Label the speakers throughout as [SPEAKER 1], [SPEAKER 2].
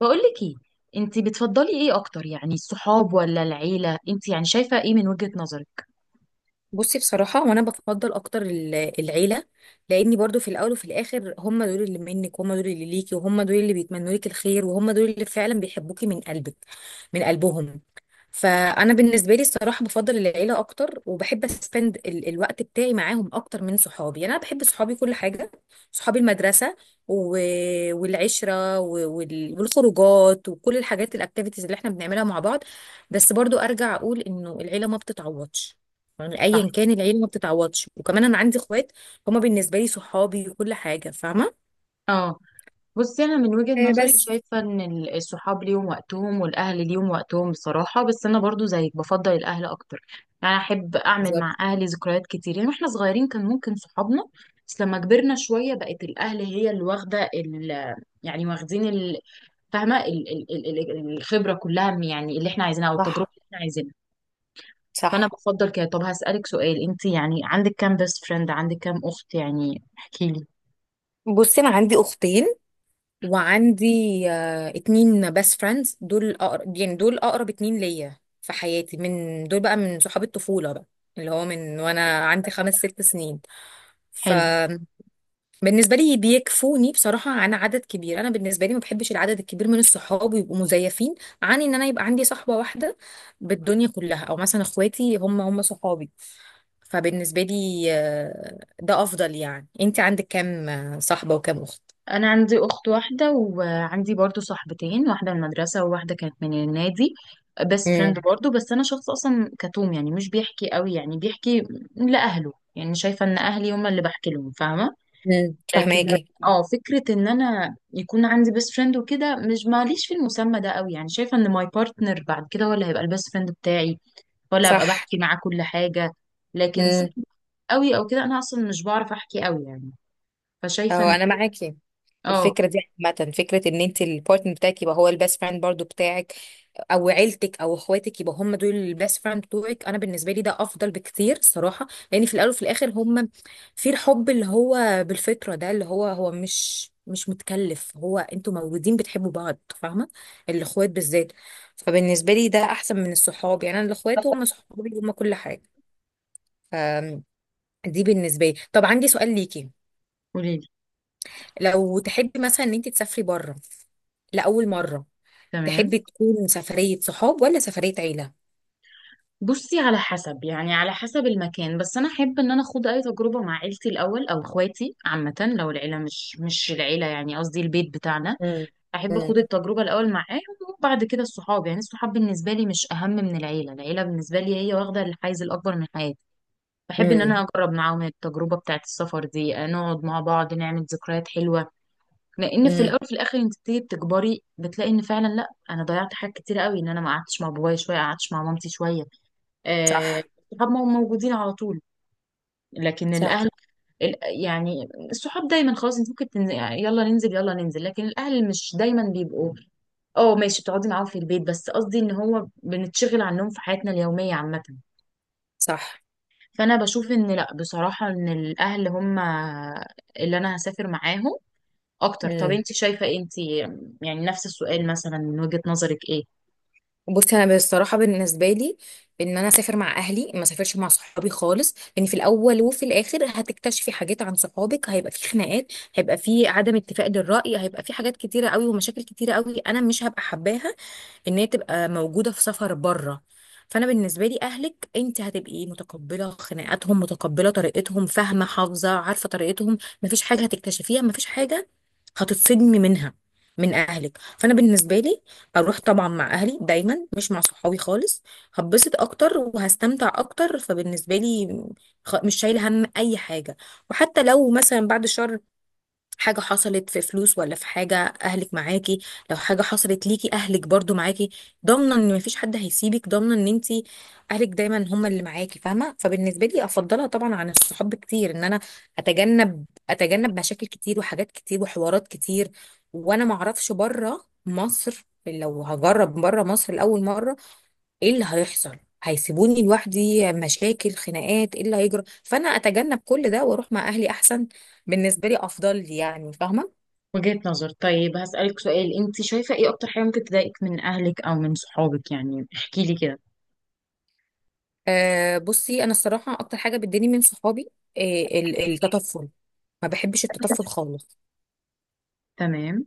[SPEAKER 1] بقولك ايه؟ انت بتفضلي ايه اكتر، يعني الصحاب ولا العيله؟ انت يعني شايفه ايه من وجهه نظرك؟
[SPEAKER 2] بصي، بصراحة وانا بفضل اكتر العيلة. لاني برضو في الاول وفي الاخر هم دول اللي منك، وهم دول اللي ليكي، وهم دول اللي بيتمنوا لك الخير، وهم دول اللي فعلا بيحبوكي من قلبك، من قلبهم. فانا بالنسبه لي الصراحه بفضل العيله اكتر، وبحب اسبند الوقت بتاعي معاهم اكتر من صحابي. يعني انا بحب صحابي كل حاجه، صحابي المدرسه و... والعشره والخروجات وكل الحاجات الاكتيفيتيز اللي احنا بنعملها مع بعض. بس برضو ارجع اقول انه العيله ما بتتعوضش. يعني
[SPEAKER 1] صح.
[SPEAKER 2] ايا كان، العيله ما بتتعوضش. وكمان انا عندي اخوات، هما بالنسبه لي صحابي وكل حاجه، فاهمه.
[SPEAKER 1] اه. بصي انا من وجهه
[SPEAKER 2] آه،
[SPEAKER 1] نظري
[SPEAKER 2] بس.
[SPEAKER 1] شايفه ان الصحاب ليهم وقتهم والاهل ليهم وقتهم بصراحه. بس انا برضو زيك بفضل الاهل اكتر. يعني احب اعمل مع
[SPEAKER 2] بالظبط.
[SPEAKER 1] اهلي ذكريات كتير، يعني واحنا صغيرين كان ممكن صحابنا. بس لما كبرنا شويه بقت الاهل هي اللي واخده ال، يعني واخدين فاهمه الخبره كلها، يعني اللي احنا عايزينها او التجربه
[SPEAKER 2] صح
[SPEAKER 1] اللي احنا عايزينها. فانا
[SPEAKER 2] صح.
[SPEAKER 1] بفضل كده. طب هسألك سؤال، انت يعني عندك كام بيست فريند؟ عندك كام اخت؟ يعني احكي لي.
[SPEAKER 2] بصي، انا عندي اختين، وعندي اتنين بيست فريندز، دول أقرب، يعني دول أقرب اتنين ليا في حياتي. من دول بقى من صحاب الطفولة بقى، اللي هو من وأنا عندي خمس ست سنين.
[SPEAKER 1] حلو.
[SPEAKER 2] فبالنسبة لي بيكفوني، بصراحة عن عدد كبير. أنا بالنسبة لي ما بحبش العدد الكبير من الصحاب يبقوا مزيفين، عن إن أنا يبقى عندي صحبة واحدة بالدنيا كلها، أو مثلا إخواتي هم هم صحابي. فبالنسبة لي ده أفضل. يعني أنت عندك كام صاحبة وكام أخت؟
[SPEAKER 1] انا عندي اخت واحده، وعندي برضو صاحبتين، واحده من المدرسه وواحده كانت من النادي، بيست فريند
[SPEAKER 2] امم.
[SPEAKER 1] برضو. بس انا شخص اصلا كتوم، يعني مش بيحكي قوي، يعني بيحكي لاهله. يعني شايفه ان اهلي هم اللي بحكي لهم، فاهمه؟
[SPEAKER 2] امم،
[SPEAKER 1] لكن
[SPEAKER 2] فهماكي.
[SPEAKER 1] اه فكره ان انا يكون عندي بيست فريند وكده مش ماليش في المسمى ده قوي. يعني شايفه ان ماي بارتنر بعد كده هو اللي هيبقى البيست فريند بتاعي، ولا ابقى
[SPEAKER 2] صح.
[SPEAKER 1] بحكي معاه كل حاجه. لكن صعب
[SPEAKER 2] امم.
[SPEAKER 1] قوي او كده. انا اصلا مش بعرف احكي قوي يعني، فشايفه
[SPEAKER 2] اهو
[SPEAKER 1] ان
[SPEAKER 2] انا معاكي في
[SPEAKER 1] اه.
[SPEAKER 2] الفكره دي. عامه، فكره ان انت البارتنر بتاعك يبقى هو البيست فريند برضو بتاعك، او عيلتك او اخواتك يبقى هم دول البيست فريند بتوعك. انا بالنسبه لي ده افضل بكتير الصراحه، لان في الاول وفي الاخر هم في الحب اللي هو بالفطره، ده اللي هو هو مش متكلف، هو انتوا مولودين بتحبوا بعض، فاهمه؟ الاخوات بالذات. فبالنسبه لي ده احسن من الصحاب. يعني انا الاخوات هم صحابي، هم كل حاجه. فدي بالنسبه لي. طب عندي سؤال ليكي،
[SPEAKER 1] قولي لي.
[SPEAKER 2] لو تحبي مثلا ان انت تسافري بره لاول مره،
[SPEAKER 1] تمام.
[SPEAKER 2] تحبي تكون سفريه صحاب ولا سفريه عيله؟
[SPEAKER 1] بصي على حسب، يعني على حسب المكان. بس انا احب ان انا اخوض اي تجربه مع عيلتي الاول او اخواتي عامه. لو العيله، مش العيله يعني قصدي البيت بتاعنا،
[SPEAKER 2] امم.
[SPEAKER 1] احب
[SPEAKER 2] امم.
[SPEAKER 1] اخوض التجربه الاول معاهم. وبعد كده الصحاب، يعني الصحاب بالنسبه لي مش اهم من العيله. العيله بالنسبه لي هي واخده الحيز الاكبر من حياتي. بحب ان
[SPEAKER 2] امم.
[SPEAKER 1] انا اجرب معاهم التجربه بتاعت السفر دي، نقعد مع بعض، نعمل ذكريات حلوه. لان في
[SPEAKER 2] امم.
[SPEAKER 1] الاول في الاخر انت بتيجي بتكبري بتلاقي ان فعلا لا، انا ضيعت حاجات كتير قوي، ان انا ما قعدتش مع بابايا شويه، قعدتش مع مامتي شويه. آه.
[SPEAKER 2] صح.
[SPEAKER 1] الصحاب ما هم موجودين على طول، لكن الاهل،
[SPEAKER 2] صح.
[SPEAKER 1] ال- يعني الصحاب دايما خلاص انت ممكن تنزل، يعني يلا ننزل يلا ننزل، لكن الاهل مش دايما بيبقوا. اه ماشي بتقعدي معاهم في البيت، بس قصدي ان هو بنتشغل عنهم في حياتنا اليوميه عامه.
[SPEAKER 2] صح.
[SPEAKER 1] فانا بشوف ان لا، بصراحه ان الاهل هم اللي انا هسافر معاهم اكتر. طب
[SPEAKER 2] امم.
[SPEAKER 1] انت شايفه إيه؟ انت يعني نفس السؤال مثلا، من وجهة نظرك ايه؟
[SPEAKER 2] بصي، انا بصراحه بالنسبه لي، ان انا اسافر مع اهلي، ما اسافرش مع صحابي خالص. لان في الاول وفي الاخر هتكتشفي حاجات عن صحابك، هيبقى في خناقات، هيبقى في عدم اتفاق للراي، هيبقى في حاجات كتيره قوي ومشاكل كتيره قوي. انا مش هبقى حباها ان هي تبقى موجوده في سفر بره. فانا بالنسبه لي اهلك، انت هتبقي متقبله خناقاتهم، متقبله طريقتهم، فاهمه حافظه عارفه طريقتهم. مفيش حاجه هتكتشفيها، مفيش حاجه هتتصدمي منها من اهلك. فانا بالنسبه لي اروح طبعا مع اهلي دايما، مش مع صحابي خالص. هبسط اكتر وهستمتع اكتر. فبالنسبه لي مش شايله هم اي حاجه. وحتى لو مثلا بعد شهر حاجة حصلت في فلوس، ولا في حاجة، أهلك معاكي. لو حاجة حصلت ليكي أهلك برضو معاكي، ضامنة إن مفيش حد هيسيبك، ضامنة إن أنتي أهلك دايما هما اللي معاكي، فاهمة؟ فبالنسبة لي أفضلها طبعا عن الصحاب كتير، إن أنا أتجنب أتجنب مشاكل كتير وحاجات كتير وحوارات كتير. وأنا معرفش بره مصر. لو هجرب بره مصر لأول مرة، ايه اللي هيحصل؟ هيسيبوني لوحدي، مشاكل، خناقات، ايه اللي هيجرى؟ فانا اتجنب كل ده واروح مع اهلي احسن. بالنسبه لي افضل لي، يعني فاهمه؟
[SPEAKER 1] وجهة نظر. طيب هسألك سؤال، انت شايفة ايه اكتر حاجة ممكن تضايقك من اهلك او من صحابك؟ يعني احكي لي كده.
[SPEAKER 2] بصي، انا الصراحه اكتر حاجه بتضايقني من صحابي، آه التطفل. ما بحبش التطفل خالص.
[SPEAKER 1] تمام.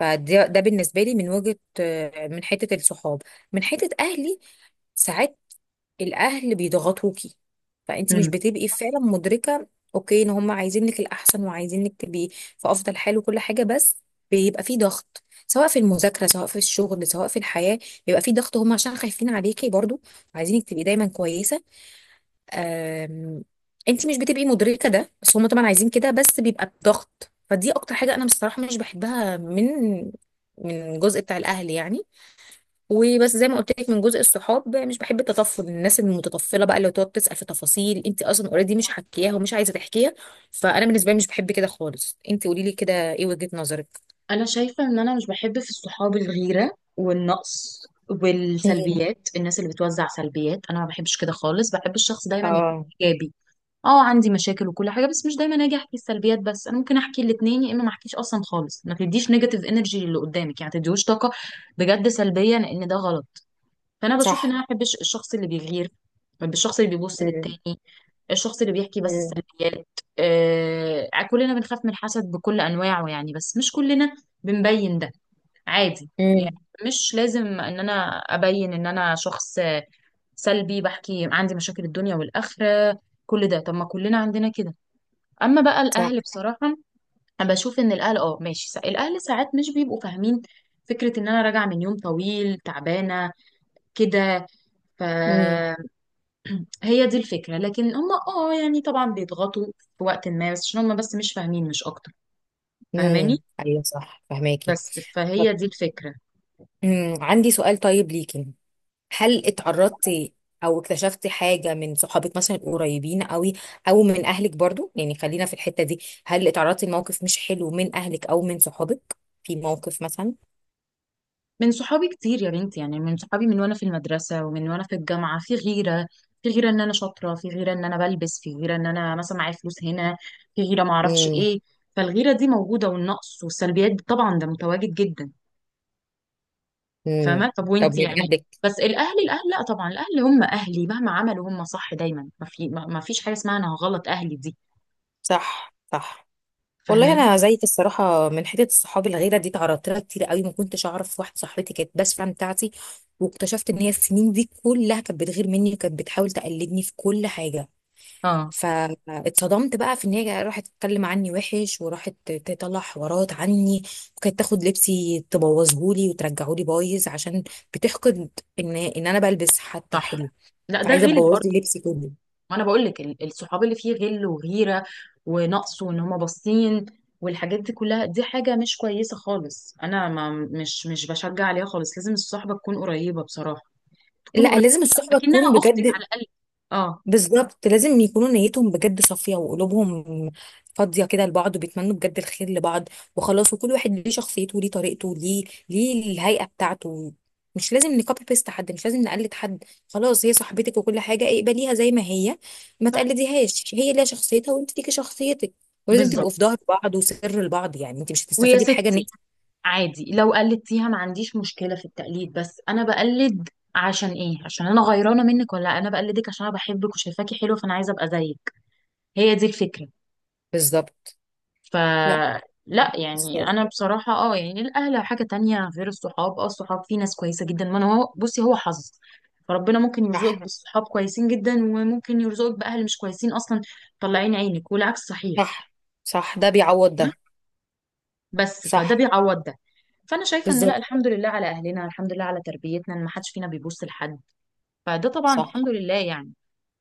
[SPEAKER 2] فده بالنسبه لي من وجهه، من حته الصحاب. من حته اهلي، ساعات الاهل بيضغطوكي، فانت مش
[SPEAKER 1] مم.
[SPEAKER 2] بتبقي فعلا مدركه، اوكي، ان هم عايزينك الاحسن، وعايزينك تبقي في افضل حال وكل حاجه. بس بيبقى في ضغط، سواء في المذاكره، سواء في الشغل، سواء في الحياه. بيبقى في ضغط هم عشان خايفين عليكي برضو، عايزينك تبقي دايما كويسه. أم... انت مش بتبقي مدركه ده، بس هم طبعا عايزين كده. بس بيبقى بضغط، فدي اكتر حاجه انا بصراحه مش بحبها من الجزء بتاع الاهل، يعني. وبس زي ما قلت لك، من جزء الصحاب مش بحب التطفل، الناس المتطفله بقى اللي تقعد تسال في تفاصيل انت اصلا اوريدي مش حكياها ومش عايزه تحكيها. فانا بالنسبه لي مش بحب كده خالص. انت قولي لي كده، ايه وجهه نظرك؟
[SPEAKER 1] انا شايفة ان انا مش بحب في الصحاب الغيرة والنقص
[SPEAKER 2] امم.
[SPEAKER 1] والسلبيات. الناس اللي بتوزع سلبيات انا ما بحبش كده خالص. بحب الشخص دايما يكون
[SPEAKER 2] اه.
[SPEAKER 1] ايجابي. اه عندي مشاكل وكل حاجة، بس مش دايما اجي احكي السلبيات. بس انا ممكن احكي الاتنين، يا اما ما احكيش اصلا خالص. ما تديش نيجاتيف انرجي للي قدامك يعني، ما تديهوش طاقة بجد سلبية، لان ده غلط. فانا بشوف ان
[SPEAKER 2] صح.
[SPEAKER 1] انا ما بحبش الشخص اللي بيغير. بحب الشخص اللي بيبص
[SPEAKER 2] امم.
[SPEAKER 1] للتاني، الشخص اللي بيحكي بس
[SPEAKER 2] امم.
[SPEAKER 1] السلبيات. آه كلنا بنخاف من الحسد بكل انواعه يعني، بس مش كلنا بنبين ده، عادي يعني.
[SPEAKER 2] امم.
[SPEAKER 1] مش لازم ان انا ابين ان انا شخص سلبي بحكي عندي مشاكل الدنيا والاخره. كل ده، طب ما كلنا عندنا كده. اما بقى الاهل
[SPEAKER 2] صح.
[SPEAKER 1] بصراحه، انا بشوف ان الاهل اه ماشي، الاهل ساعات مش بيبقوا فاهمين فكره ان انا راجعه من يوم طويل تعبانه كده، ف.
[SPEAKER 2] امم.
[SPEAKER 1] هي دي الفكرة. لكن هم اه يعني طبعا بيضغطوا في وقت ما، بس عشان هم بس مش فاهمين مش اكتر. فاهماني؟
[SPEAKER 2] امم. ايوه صح، فهماكي.
[SPEAKER 1] بس
[SPEAKER 2] طب،
[SPEAKER 1] فهي دي الفكرة.
[SPEAKER 2] عندي سؤال طيب ليكي، هل اتعرضتي او اكتشفتي حاجة من صحابك مثلا القريبين قوي، او من اهلك برضو؟ يعني خلينا في الحتة دي. هل اتعرضتي لموقف مش حلو من اهلك او من صحابك في موقف مثلا؟
[SPEAKER 1] من صحابي كتير يا بنتي، يعني من صحابي من وانا في المدرسة ومن وانا في الجامعة في غيرة. في غيرة ان انا شاطرة، في غيرة ان انا بلبس، في غيرة ان انا مثلا معايا فلوس هنا، في غيرة ما اعرفش
[SPEAKER 2] امم.
[SPEAKER 1] ايه. فالغيرة دي موجودة، والنقص والسلبيات دي طبعا ده متواجد جدا.
[SPEAKER 2] امم.
[SPEAKER 1] فاهمة؟ طب
[SPEAKER 2] طب
[SPEAKER 1] وانتي
[SPEAKER 2] من
[SPEAKER 1] يعني؟
[SPEAKER 2] اهلك؟
[SPEAKER 1] بس الاهل، الاهل لا طبعا، الاهل هم اهلي، مهما عملوا هم صح دايما. ما في، ما فيش حاجة اسمها انا غلط اهلي دي.
[SPEAKER 2] صح. صح. والله
[SPEAKER 1] فاهماني؟
[SPEAKER 2] انا زيك، الصراحه من حته الصحاب الغيره دي اتعرضت لها كتير قوي. ما كنتش اعرف واحده صاحبتي كانت بس فان بتاعتي، واكتشفت ان هي السنين دي كلها كانت بتغير مني، وكانت بتحاول تقلدني في كل حاجه.
[SPEAKER 1] اه
[SPEAKER 2] فاتصدمت بقى في ان هي راحت تتكلم عني وحش، وراحت تطلع حوارات عني. وكانت تاخد لبسي تبوظهولي وترجعهولي بايظ، عشان بتحقد ان انا بلبس حتى
[SPEAKER 1] صح.
[SPEAKER 2] حلو.
[SPEAKER 1] لا ده
[SPEAKER 2] فعايزه
[SPEAKER 1] غل
[SPEAKER 2] تبوظ
[SPEAKER 1] برضه.
[SPEAKER 2] لي لبسي كله.
[SPEAKER 1] ما انا بقول لك الصحاب اللي فيه غل وغيره ونقص وان هما باصين والحاجات دي كلها، دي حاجه مش كويسه خالص. انا ما مش مش بشجع عليها خالص. لازم الصحبه تكون قريبه بصراحه، تكون
[SPEAKER 2] لا،
[SPEAKER 1] قريبه
[SPEAKER 2] لازم الصحبه
[SPEAKER 1] اكنها
[SPEAKER 2] تكون
[SPEAKER 1] اختك
[SPEAKER 2] بجد.
[SPEAKER 1] على الاقل. اه
[SPEAKER 2] بالظبط، لازم يكونوا نيتهم بجد صافية، وقلوبهم فاضية كده لبعض، وبيتمنوا بجد الخير لبعض. وخلاص، وكل واحد ليه شخصيته، وليه طريقته، وليه الهيئة بتاعته. مش لازم نكوبي بيست حد، مش لازم نقلد حد. خلاص، هي صاحبتك وكل حاجة اقبليها زي ما هي، ما
[SPEAKER 1] صح.
[SPEAKER 2] تقلديهاش. هي ليها شخصيتها وانت ليكي شخصيتك. ولازم تبقوا
[SPEAKER 1] بالظبط.
[SPEAKER 2] في ظهر بعض وسر لبعض. يعني انت مش
[SPEAKER 1] ويا
[SPEAKER 2] هتستفادي بحاجة ان
[SPEAKER 1] ستي
[SPEAKER 2] انت.
[SPEAKER 1] عادي لو قلدتيها، ما عنديش مشكله في التقليد. بس انا بقلد عشان ايه؟ عشان انا غيرانه منك؟ ولا انا بقلدك عشان انا بحبك وشايفاكي حلوه، فانا عايزه ابقى زيك؟ هي دي الفكره.
[SPEAKER 2] بالظبط. لا.
[SPEAKER 1] فلا
[SPEAKER 2] بس-
[SPEAKER 1] يعني انا بصراحه اه يعني الاهل حاجه تانية غير الصحاب. اه الصحاب في ناس كويسه جدا، ما أنا هو بصي هو حظ. فربنا ممكن يرزقك
[SPEAKER 2] صح
[SPEAKER 1] بالصحاب كويسين جدا، وممكن يرزقك باهل مش كويسين اصلا، طلعين عينك، والعكس صحيح.
[SPEAKER 2] صح صح، ده بيعوض ده.
[SPEAKER 1] بس فده
[SPEAKER 2] صح.
[SPEAKER 1] بيعوض ده. فانا شايفه ان لا،
[SPEAKER 2] بالظبط.
[SPEAKER 1] الحمد لله على اهلنا، الحمد لله على تربيتنا، ان ما حدش فينا بيبص لحد. فده طبعا
[SPEAKER 2] صح.
[SPEAKER 1] الحمد لله يعني.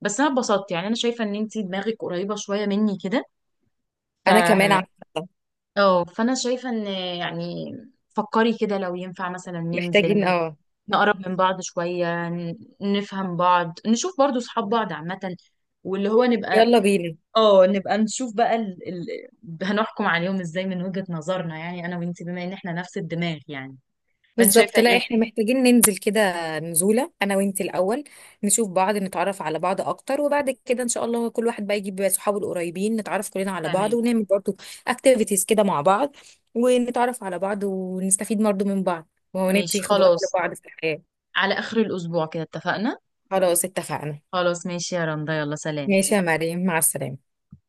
[SPEAKER 1] بس انا اتبسطت، يعني انا شايفه ان انتي دماغك قريبه شويه مني كده، ف.
[SPEAKER 2] انا كمان عارفة.
[SPEAKER 1] اه فانا شايفه ان يعني، فكري كده لو ينفع مثلا
[SPEAKER 2] محتاجين،
[SPEAKER 1] ننزل
[SPEAKER 2] اه.
[SPEAKER 1] نقرب من بعض شويه، نفهم بعض، نشوف برضو صحاب بعض عامه، واللي هو نبقى
[SPEAKER 2] يلا بينا.
[SPEAKER 1] اه نبقى نشوف بقى هنحكم عليهم ازاي من وجهه نظرنا يعني انا وانتي، بما ان احنا نفس الدماغ يعني. فانت شايفه
[SPEAKER 2] بالظبط. لا،
[SPEAKER 1] ايه؟
[SPEAKER 2] احنا محتاجين ننزل كده، نزولة انا وانت الاول، نشوف بعض، نتعرف على بعض اكتر. وبعد كده ان شاء الله كل واحد بقى يجيب صحابه القريبين، نتعرف كلنا على بعض،
[SPEAKER 1] تمام
[SPEAKER 2] ونعمل برضو اكتيفيتيز كده مع بعض، ونتعرف على بعض، ونستفيد برضو من بعض،
[SPEAKER 1] ماشي
[SPEAKER 2] وندي خبرات
[SPEAKER 1] خلاص.
[SPEAKER 2] لبعض في الحياة.
[SPEAKER 1] على اخر الاسبوع كده اتفقنا.
[SPEAKER 2] خلاص اتفقنا.
[SPEAKER 1] خلاص ماشي يا رندا، يلا سلام.
[SPEAKER 2] ماشي يا مريم، مع السلامة.